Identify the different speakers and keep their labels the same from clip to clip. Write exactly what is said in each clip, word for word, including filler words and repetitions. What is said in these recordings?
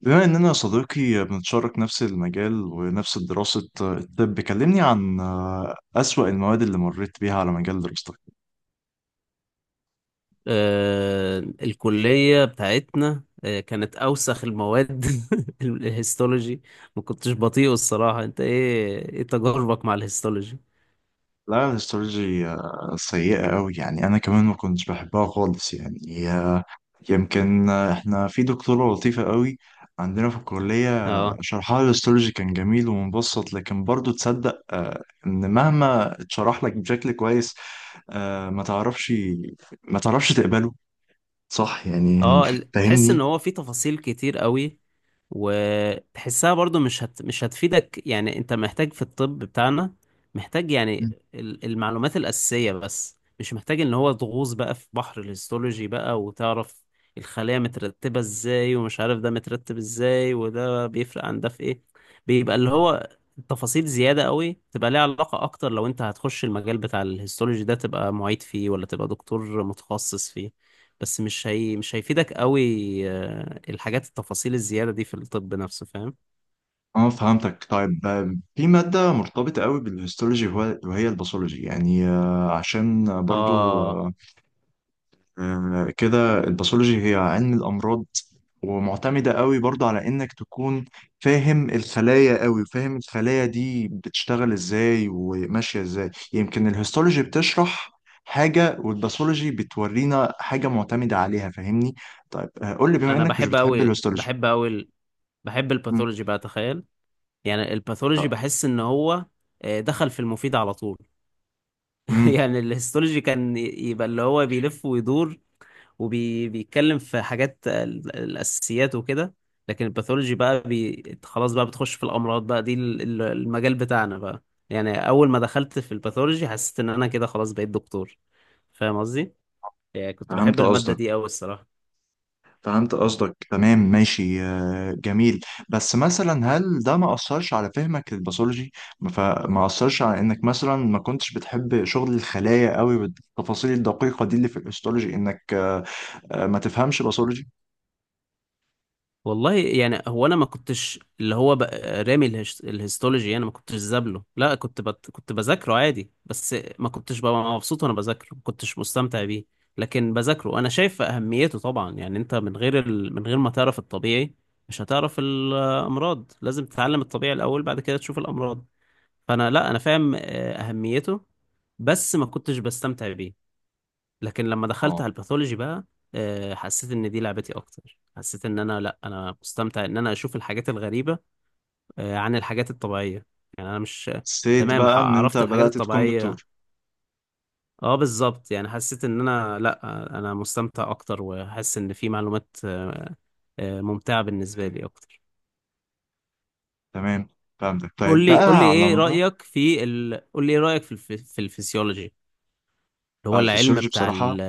Speaker 1: بما إننا يا صديقي بنتشارك نفس المجال ونفس دراسة الطب، كلمني عن آه، أسوأ المواد اللي مريت بيها على مجال دراستك.
Speaker 2: آه، الكلية بتاعتنا آه، كانت أوسخ المواد ال- الهيستولوجي. ما كنتش بطيئه الصراحة، أنت إيه إيه تجاربك مع الهيستولوجي؟
Speaker 1: لا، الهيستولوجي آه، سيئة أوي، يعني أنا كمان ما كنتش بحبها خالص، يعني آه، يمكن آه، إحنا في دكتورة لطيفة أوي عندنا في الكلية. آه،
Speaker 2: أه
Speaker 1: شرحها الهيستولوجي كان جميل ومبسط، لكن برضو تصدق آه، إن مهما اتشرح لك بشكل كويس، آه، ما تعرفش ما تعرفش تقبله، صح يعني،
Speaker 2: أه ال- تحس إن
Speaker 1: فاهمني.
Speaker 2: هو في تفاصيل كتير قوي، وتحسها برضو مش هت... مش هتفيدك. يعني انت محتاج في الطب بتاعنا، محتاج يعني ال- المعلومات الأساسية، بس مش محتاج ان هو تغوص بقى في بحر الهيستولوجي بقى وتعرف الخلايا مترتبة ازاي، ومش عارف ده مترتب ازاي، وده بيفرق عن ده في ايه. بيبقى اللي هو تفاصيل زيادة قوي، تبقى ليها علاقة اكتر لو انت هتخش المجال بتاع الهيستولوجي ده، تبقى معيد فيه ولا تبقى دكتور متخصص فيه، بس مش هي مش هيفيدك قوي. آه، الحاجات التفاصيل الزيادة دي في الطب نفسه، فاهم.
Speaker 1: اه، فهمتك. طيب آه، في مادة مرتبطة قوي بالهيستولوجي وهو- وهي الباثولوجي، يعني آه، عشان برضو
Speaker 2: اه،
Speaker 1: آه، آه، كده، الباثولوجي هي علم الأمراض، ومعتمدة قوي برضو على إنك تكون فاهم الخلايا قوي، فاهم الخلايا دي بتشتغل إزاي وماشية إزاي. يمكن الهيستولوجي بتشرح حاجة والباثولوجي بتورينا حاجة معتمدة عليها، فاهمني. طيب آه، قول لي، بما
Speaker 2: انا
Speaker 1: إنك مش
Speaker 2: بحب
Speaker 1: بتحب
Speaker 2: قوي
Speaker 1: الهيستولوجي.
Speaker 2: بحب قوي ال- بحب
Speaker 1: مم.
Speaker 2: الباثولوجي بقى، تخيل. يعني الباثولوجي
Speaker 1: طب-
Speaker 2: بحس ان هو آه، دخل في المفيد على طول.
Speaker 1: مم.
Speaker 2: يعني الهيستولوجي كان ي- يبقى اللي هو بيلف ويدور، وبيتكلم في حاجات ال- الأساسيات وكده. لكن الباثولوجي بقى بي... خلاص بقى بتخش في الأمراض بقى، دي ال- ال- المجال بتاعنا بقى. يعني أول ما دخلت في الباثولوجي، حسيت إن أنا كده خلاص بقيت دكتور. فاهم قصدي؟ يعني كنت بحب
Speaker 1: فهمت
Speaker 2: المادة
Speaker 1: قصدك،
Speaker 2: دي أوي الصراحة.
Speaker 1: فهمت قصدك تمام، ماشي آه، جميل. بس مثلا هل ده ما أثرش على فهمك للباثولوجي؟ ما- فما أثرش على إنك مثلا ما كنتش بتحب شغل الخلايا قوي والتفاصيل الدقيقة دي اللي في الهيستولوجي، إنك آه، آه، ما تفهمش باثولوجي.
Speaker 2: والله يعني هو انا ما كنتش اللي هو بقى رامي الهش... الهيستولوجي. انا ما كنتش زابله، لا كنت بت... كنت بذاكره عادي، بس ما كنتش ببقى مبسوط وانا بذاكره، ما كنتش مستمتع بيه. لكن بذاكره انا شايف اهميته طبعا، يعني انت من غير ال... من غير ما تعرف الطبيعي مش هتعرف الامراض. لازم تتعلم الطبيعي الاول، بعد كده تشوف الامراض. فانا لا، انا فاهم آه، اهميته، بس ما كنتش بستمتع بيه. لكن لما دخلت
Speaker 1: اه،
Speaker 2: على الباثولوجي بقى، آه، حسيت ان دي لعبتي اكتر. حسيت ان انا لا، انا مستمتع ان انا اشوف الحاجات الغريبه آه، عن الحاجات الطبيعيه. يعني انا مش
Speaker 1: سيد
Speaker 2: تمام، ح-
Speaker 1: بقى إن أنت
Speaker 2: عرفت الحاجات
Speaker 1: بدأت تكون
Speaker 2: الطبيعيه.
Speaker 1: دكتور.
Speaker 2: اه بالظبط، يعني حسيت ان انا لا، آه، انا مستمتع اكتر، وحاسس ان في معلومات آه، آه، ممتعه بالنسبه لي اكتر.
Speaker 1: تمام، فهمتك. طيب
Speaker 2: قول لي قول لي
Speaker 1: بقى على
Speaker 2: ايه
Speaker 1: مدار
Speaker 2: رايك في ال... قول لي ايه رايك في الف... في الفسيولوجي، اللي هو
Speaker 1: آه، في
Speaker 2: العلم
Speaker 1: الفسيولوجي.
Speaker 2: بتاع
Speaker 1: بصراحة
Speaker 2: ال-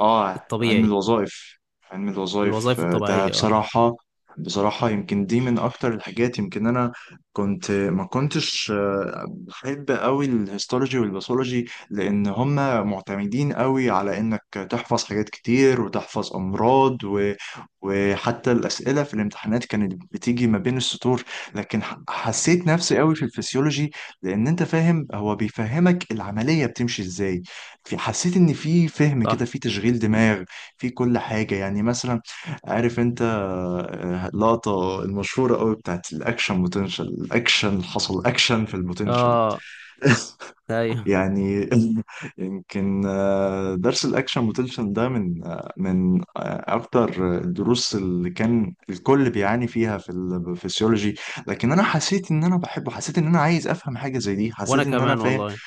Speaker 1: اه، علم
Speaker 2: الطبيعي.
Speaker 1: الوظائف، علم الوظائف
Speaker 2: الوظائف
Speaker 1: آه، ده
Speaker 2: الطبيعيه، اه
Speaker 1: بصراحة، بصراحة يمكن دي من أكتر الحاجات. يمكن أنا كنت ما كنتش آه، بحب أوي الهيستولوجي والباثولوجي، لأن هما معتمدين أوي على إنك تحفظ حاجات كتير وتحفظ أمراض و... وحتى الأسئلة في الامتحانات كانت بتيجي ما بين السطور. لكن ح- حسيت نفسي أوي في الفسيولوجي، لأن أنت فاهم، هو بيفهمك العملية بتمشي إزاي. في حسيت ان في فهم كده،
Speaker 2: صح،
Speaker 1: في تشغيل دماغ في كل حاجه. يعني مثلا عارف انت آه، اللقطه المشهوره قوي بتاعت الاكشن بوتنشال، الاكشن، حصل اكشن في البوتنشال.
Speaker 2: اه ايوه،
Speaker 1: يعني يمكن آه، درس الاكشن بوتنشال ده من آه، من آه، اكتر الدروس اللي كان الكل بيعاني فيها في الفسيولوجي. لكن انا حسيت ان انا بحبه، حسيت ان انا عايز افهم حاجه زي دي، حسيت
Speaker 2: وانا
Speaker 1: ان انا
Speaker 2: كمان
Speaker 1: فاهم.
Speaker 2: والله،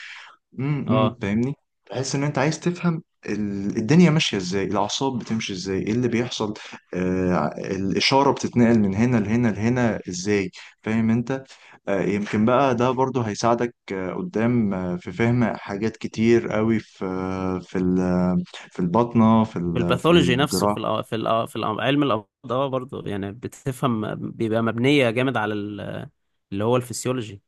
Speaker 1: امم
Speaker 2: اه.
Speaker 1: فاهمني. تحس ان انت عايز تفهم ال- الدنيا ماشيه ازاي، الاعصاب بتمشي ازاي، ايه اللي بيحصل. آه الاشاره بتتنقل من هنا لهنا لهنا ازاي، فاهم انت. آه يمكن بقى ده برضو هيساعدك آه قدام آه في فهم حاجات كتير قوي، في آه في ال- في البطنه، في
Speaker 2: في
Speaker 1: ال- في
Speaker 2: الباثولوجي نفسه، في
Speaker 1: الجراحه.
Speaker 2: الأ... في الأ... في الأ... علم الامراض، اه برضه، يعني بتفهم بيبقى مبنيه جامد على ال... اللي هو الفسيولوجي.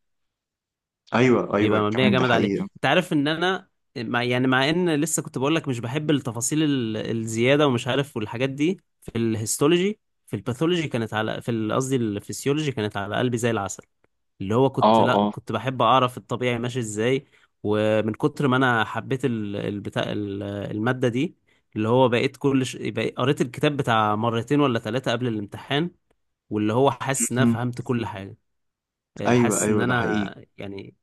Speaker 1: ايوه ايوه،
Speaker 2: بيبقى مبنيه
Speaker 1: كمان ده
Speaker 2: جامد عليه،
Speaker 1: حقيقه.
Speaker 2: انت عارف ان انا مع... يعني مع ان لسه كنت بقول لك مش بحب التفاصيل ال... الزياده ومش عارف، والحاجات دي في الهيستولوجي. في الباثولوجي كانت على في ال- قصدي الفسيولوجي كانت على قلبي زي العسل. اللي هو كنت،
Speaker 1: اه
Speaker 2: لا
Speaker 1: اه،
Speaker 2: كنت بحب اعرف الطبيعي ماشي ازاي. ومن كتر ما انا حبيت ال- البتاع ال- المادة دي، اللي هو بقيت كل ش... بقيت قريت الكتاب بتاع مرتين ولا ثلاثة قبل الامتحان. واللي هو حاسس ان انا
Speaker 1: مهم.
Speaker 2: فهمت كل حاجة. آه،
Speaker 1: ايوه
Speaker 2: حاسس ان
Speaker 1: ايوه، ده حقيقي.
Speaker 2: انا يعني،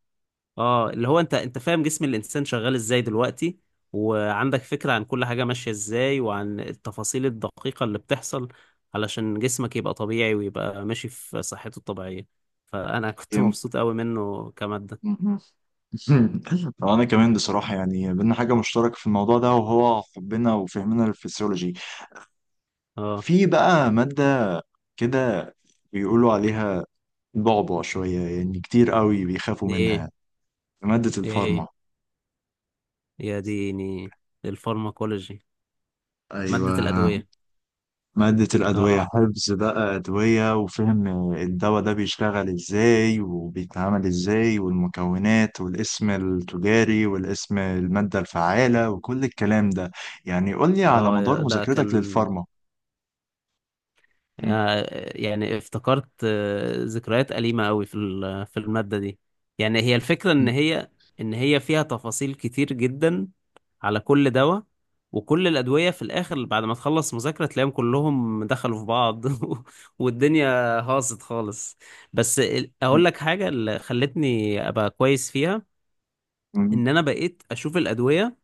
Speaker 2: اه، اللي هو انت انت فاهم جسم الانسان شغال ازاي دلوقتي، وعندك فكرة عن كل حاجة ماشية ازاي، وعن التفاصيل الدقيقة اللي بتحصل علشان جسمك يبقى طبيعي ويبقى ماشي في صحته الطبيعية. فانا كنت مبسوط قوي منه كمادة.
Speaker 1: يمكن انا كمان بصراحه يعني بينا حاجه مشتركه في الموضوع ده، وهو حبنا وفهمنا للفسيولوجي.
Speaker 2: اه،
Speaker 1: في بقى ماده كده بيقولوا عليها بعبع شويه، يعني كتير قوي بيخافوا
Speaker 2: دي ايه؟
Speaker 1: منها: ماده
Speaker 2: ايه!
Speaker 1: الفارما.
Speaker 2: يا ديني، الفارماكولوجي،
Speaker 1: ايوه،
Speaker 2: مادة الأدوية.
Speaker 1: ماده الادويه،
Speaker 2: اه
Speaker 1: حفظ بقى ادويه، وفهم الدواء ده بيشتغل ازاي وبيتعامل ازاي، والمكونات والاسم التجاري والاسم الماده الفعاله وكل الكلام ده. يعني قول لي على
Speaker 2: اه
Speaker 1: مدار
Speaker 2: يا- ده
Speaker 1: مذاكرتك
Speaker 2: كان،
Speaker 1: للفارما.
Speaker 2: آه، يعني افتكرت آه، ذكريات أليمة قوي في ال- في المادة دي. يعني هي الفكرة ان
Speaker 1: مم.
Speaker 2: هي ان هي فيها تفاصيل كتير جدا على كل دواء، وكل الأدوية في الآخر بعد ما تخلص مذاكرة تلاقيهم كلهم دخلوا في بعض. والدنيا هاصت خالص. بس ال- أقول لك حاجة اللي خلتني أبقى كويس فيها، إن أنا بقيت أشوف الأدوية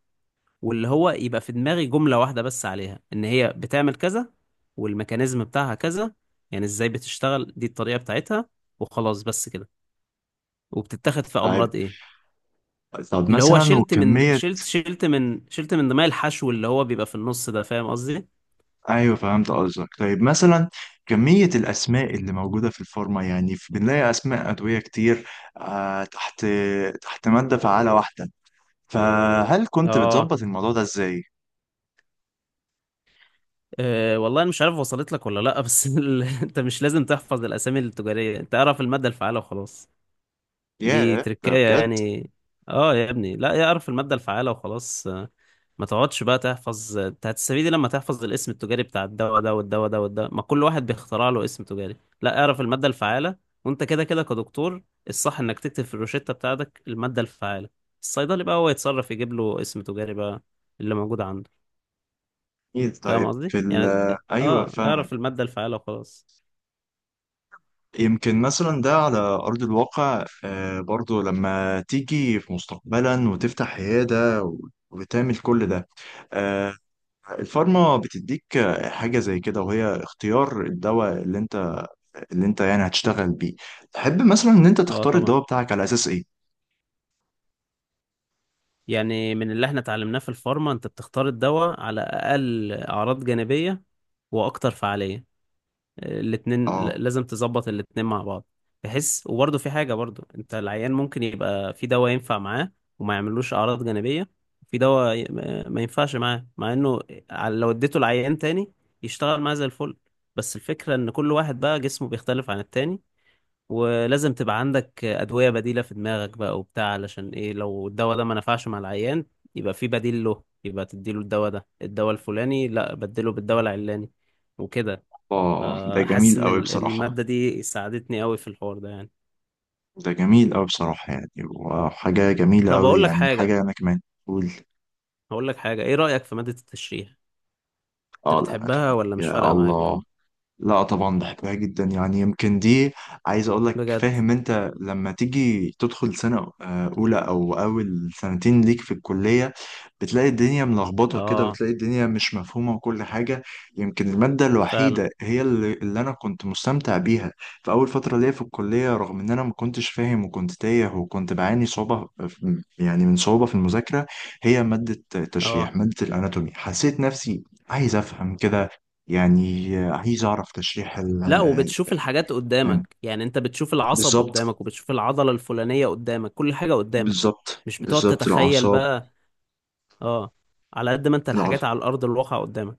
Speaker 2: واللي هو يبقى في دماغي جملة واحدة بس عليها ان هي بتعمل كذا، والميكانيزم بتاعها كذا، يعني ازاي بتشتغل، دي الطريقة بتاعتها، وخلاص بس كده، وبتتاخد في
Speaker 1: طيب.
Speaker 2: امراض ايه.
Speaker 1: طب
Speaker 2: اللي هو
Speaker 1: مثلا
Speaker 2: شلت من
Speaker 1: وكمية.
Speaker 2: شلت شلت من شلت من دماغي الحشو اللي هو بيبقى في النص ده، فاهم قصدي.
Speaker 1: أيوه، فهمت قصدك. طيب مثلا كمية الأسماء اللي موجودة في الفورمة، يعني في- بنلاقي أسماء أدوية كتير آه تحت تحت مادة فعالة واحدة، فهل كنت
Speaker 2: اه
Speaker 1: بتظبط الموضوع ده إزاي؟
Speaker 2: أه والله انا مش عارف وصلت لك ولا لا، بس ال... انت مش لازم تحفظ الاسامي التجارية، انت اعرف المادة الفعالة وخلاص. دي
Speaker 1: ياه، ده
Speaker 2: تركاية
Speaker 1: بجد.
Speaker 2: يعني. اه يا ابني، لا، يعرف المادة الفعالة وخلاص. ما تقعدش بقى تحفظ، انت هتستفيد إيه لما تحفظ الاسم التجاري بتاع الدواء ده والدواء ده والدواء؟ ما كل واحد بيخترع له اسم تجاري. لا، اعرف المادة الفعالة. وانت كده كده كدكتور، الصح انك تكتب في الروشتة بتاعتك المادة الفعالة. الصيدلي بقى هو يتصرف يجيب له اسم تجاري بقى اللي موجود عنده.
Speaker 1: إيه؟
Speaker 2: فاهم
Speaker 1: طيب
Speaker 2: قصدي
Speaker 1: في ال
Speaker 2: يعني.
Speaker 1: أيوه،
Speaker 2: اه،
Speaker 1: فاهمك.
Speaker 2: اعرف المادة الفعالة وخلاص.
Speaker 1: يمكن مثلا ده على أرض الواقع آه برضو لما تيجي في مستقبلا وتفتح عيادة وتعمل كل ده، آه، الفارما بتديك حاجة زي كده، وهي اختيار الدواء اللي انت، اللي انت يعني هتشتغل بيه. تحب مثلا ان انت
Speaker 2: اه
Speaker 1: تختار
Speaker 2: طبعا،
Speaker 1: الدواء بتاعك على اساس ايه؟
Speaker 2: يعني من اللي احنا اتعلمناه في الفارما، انت بتختار الدواء على اقل اعراض جانبية واكتر فعالية. الاتنين ل-
Speaker 1: اه
Speaker 2: لازم تظبط الاتنين مع بعض. بحس وبرضه في حاجة برضه، انت العيان ممكن يبقى في دواء ينفع معاه وما يعملوش أعراض جانبية، في دواء ي- ما ما ينفعش معاه مع انه، ع- لو اديته العيان تاني يشتغل معاه زي الفل. بس الفكرة ان كل واحد بقى جسمه بيختلف عن التاني، ولازم تبقى عندك أدوية بديلة في دماغك بقى وبتاع، علشان ايه؟ لو الدواء ده ما نفعش مع العيان، يبقى في بديل له، يبقى تديله الدواء ده الدواء الفلاني، لا بدله بالدواء العلاني وكده.
Speaker 1: اه، ده
Speaker 2: آه، حاسس
Speaker 1: جميل
Speaker 2: ان
Speaker 1: قوي
Speaker 2: ال-
Speaker 1: بصراحة.
Speaker 2: المادة دي ساعدتني قوي في الحوار ده يعني.
Speaker 1: ده جميل قوي بصراحة، يعني وحاجة جميلة
Speaker 2: طب
Speaker 1: قوي،
Speaker 2: اقول لك
Speaker 1: يعني
Speaker 2: حاجة،
Speaker 1: حاجة انا كمان. قول.
Speaker 2: هقول لك حاجة، ايه رأيك في مادة التشريح؟
Speaker 1: اه،
Speaker 2: انت بتحبها
Speaker 1: الاناتومي،
Speaker 2: ولا مش
Speaker 1: يا
Speaker 2: فارقة معاك؟
Speaker 1: الله. لا طبعا بحبها جدا، يعني يمكن دي، عايز اقول لك،
Speaker 2: بجد.
Speaker 1: فاهم انت لما تيجي تدخل سنة آه، اولى او اول سنتين ليك في الكلية، بتلاقي الدنيا ملخبطة كده
Speaker 2: اه
Speaker 1: وتلاقي الدنيا مش مفهومة وكل حاجة. يمكن المادة
Speaker 2: فعلا.
Speaker 1: الوحيدة هي اللي, اللي انا كنت مستمتع بيها في اول فترة ليا في الكلية، رغم ان انا ما كنتش فاهم وكنت تايه وكنت بعاني صعوبة في- يعني من صعوبة في المذاكرة، هي مادة
Speaker 2: اه
Speaker 1: التشريح، مادة الاناتومي. حسيت نفسي عايز افهم كده، يعني عايز أعرف تشريح ال
Speaker 2: لا، وبتشوف الحاجات
Speaker 1: آه،
Speaker 2: قدامك، يعني انت بتشوف العصب
Speaker 1: بالظبط،
Speaker 2: قدامك، وبتشوف العضلة الفلانية قدامك، كل حاجة قدامك.
Speaker 1: بالظبط
Speaker 2: مش بتقعد
Speaker 1: بالظبط،
Speaker 2: تتخيل
Speaker 1: الأعصاب.
Speaker 2: بقى. اه، على قد ما انت الحاجات على الارض الواقع قدامك.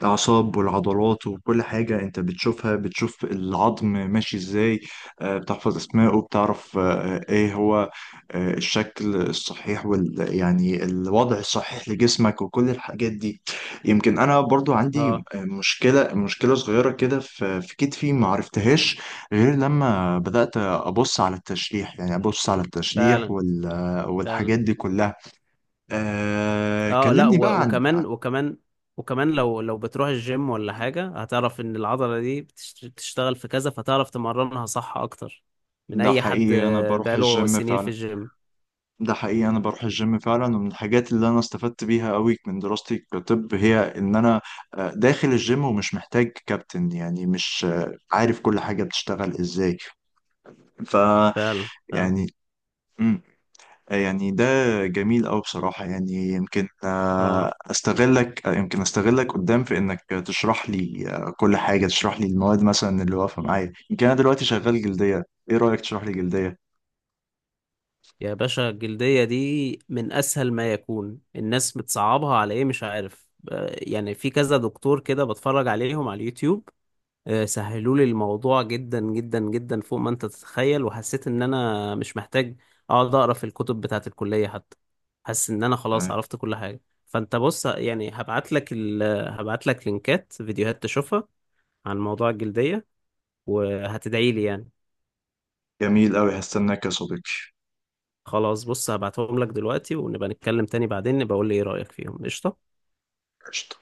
Speaker 1: الأعصاب والعضلات وكل حاجة أنت بتشوفها، بتشوف العظم ماشي إزاي، آه، بتحفظ أسمائه، بتعرف آه، آه، إيه هو آه، الشكل الصحيح وال يعني الوضع الصحيح لجسمك وكل الحاجات دي. يمكن أنا برضو عندي
Speaker 2: اه
Speaker 1: مشكلة مشكلة صغيرة كده في في كتفي ما عرفتهاش، غير لما بدأت أبص على التشريح، يعني أبص على التشريح
Speaker 2: فعلا
Speaker 1: وال
Speaker 2: فعلا.
Speaker 1: والحاجات دي كلها. أه
Speaker 2: اه لا،
Speaker 1: كلمني بقى
Speaker 2: و-
Speaker 1: عن عن-
Speaker 2: وكمان وكمان وكمان لو لو بتروح الجيم ولا حاجة، هتعرف ان العضلة دي بتش- بتشتغل في كذا، فتعرف تمرنها صح اكتر من
Speaker 1: ده
Speaker 2: اي حد
Speaker 1: حقيقي، أنا
Speaker 2: آه،
Speaker 1: بروح
Speaker 2: بقاله
Speaker 1: الجيم
Speaker 2: سنين في
Speaker 1: فعلا.
Speaker 2: الجيم.
Speaker 1: ده حقيقي انا بروح الجيم فعلا ومن الحاجات اللي انا استفدت بيها قوي من دراستي كطب، هي ان انا آه، داخل الجيم ومش محتاج كابتن، يعني مش آه، عارف كل حاجة بتشتغل ازاي. ف
Speaker 2: فعلا فعلا.
Speaker 1: يعني مم، يعني ده جميل قوي بصراحة، يعني يمكن
Speaker 2: اه
Speaker 1: آه، استغلك آه، يمكن استغلك قدام في انك تشرح لي آه، كل حاجة، تشرح لي المواد مثلا اللي واقفة معايا. يمكن انا دلوقتي شغال جلدية، ايه رأيك تشرح لي جلدية؟
Speaker 2: يا باشا، الجلدية دي من اسهل ما يكون، الناس بتصعبها على ايه مش عارف. آه، يعني في كذا دكتور كده بتفرج عليهم على اليوتيوب آه، سهلوا لي الموضوع جدا جدا جدا فوق ما انت تتخيل، وحسيت ان انا مش محتاج اقعد اقرا في الكتب بتاعه الكلية حتى. حاسس ان انا خلاص
Speaker 1: تمام،
Speaker 2: عرفت كل حاجة. فانت بص يعني، هبعت لك ال... هبعت لك لينكات فيديوهات تشوفها عن موضوع الجلدية، وهتدعي لي يعني.
Speaker 1: جميل قوي، هستناك يا صديقي.
Speaker 2: خلاص بص، هبعتهم لك دلوقتي، ونبقى نتكلم تاني بعدين، نبقى اقول لي ايه رأيك فيهم. قشطة.
Speaker 1: قشطة.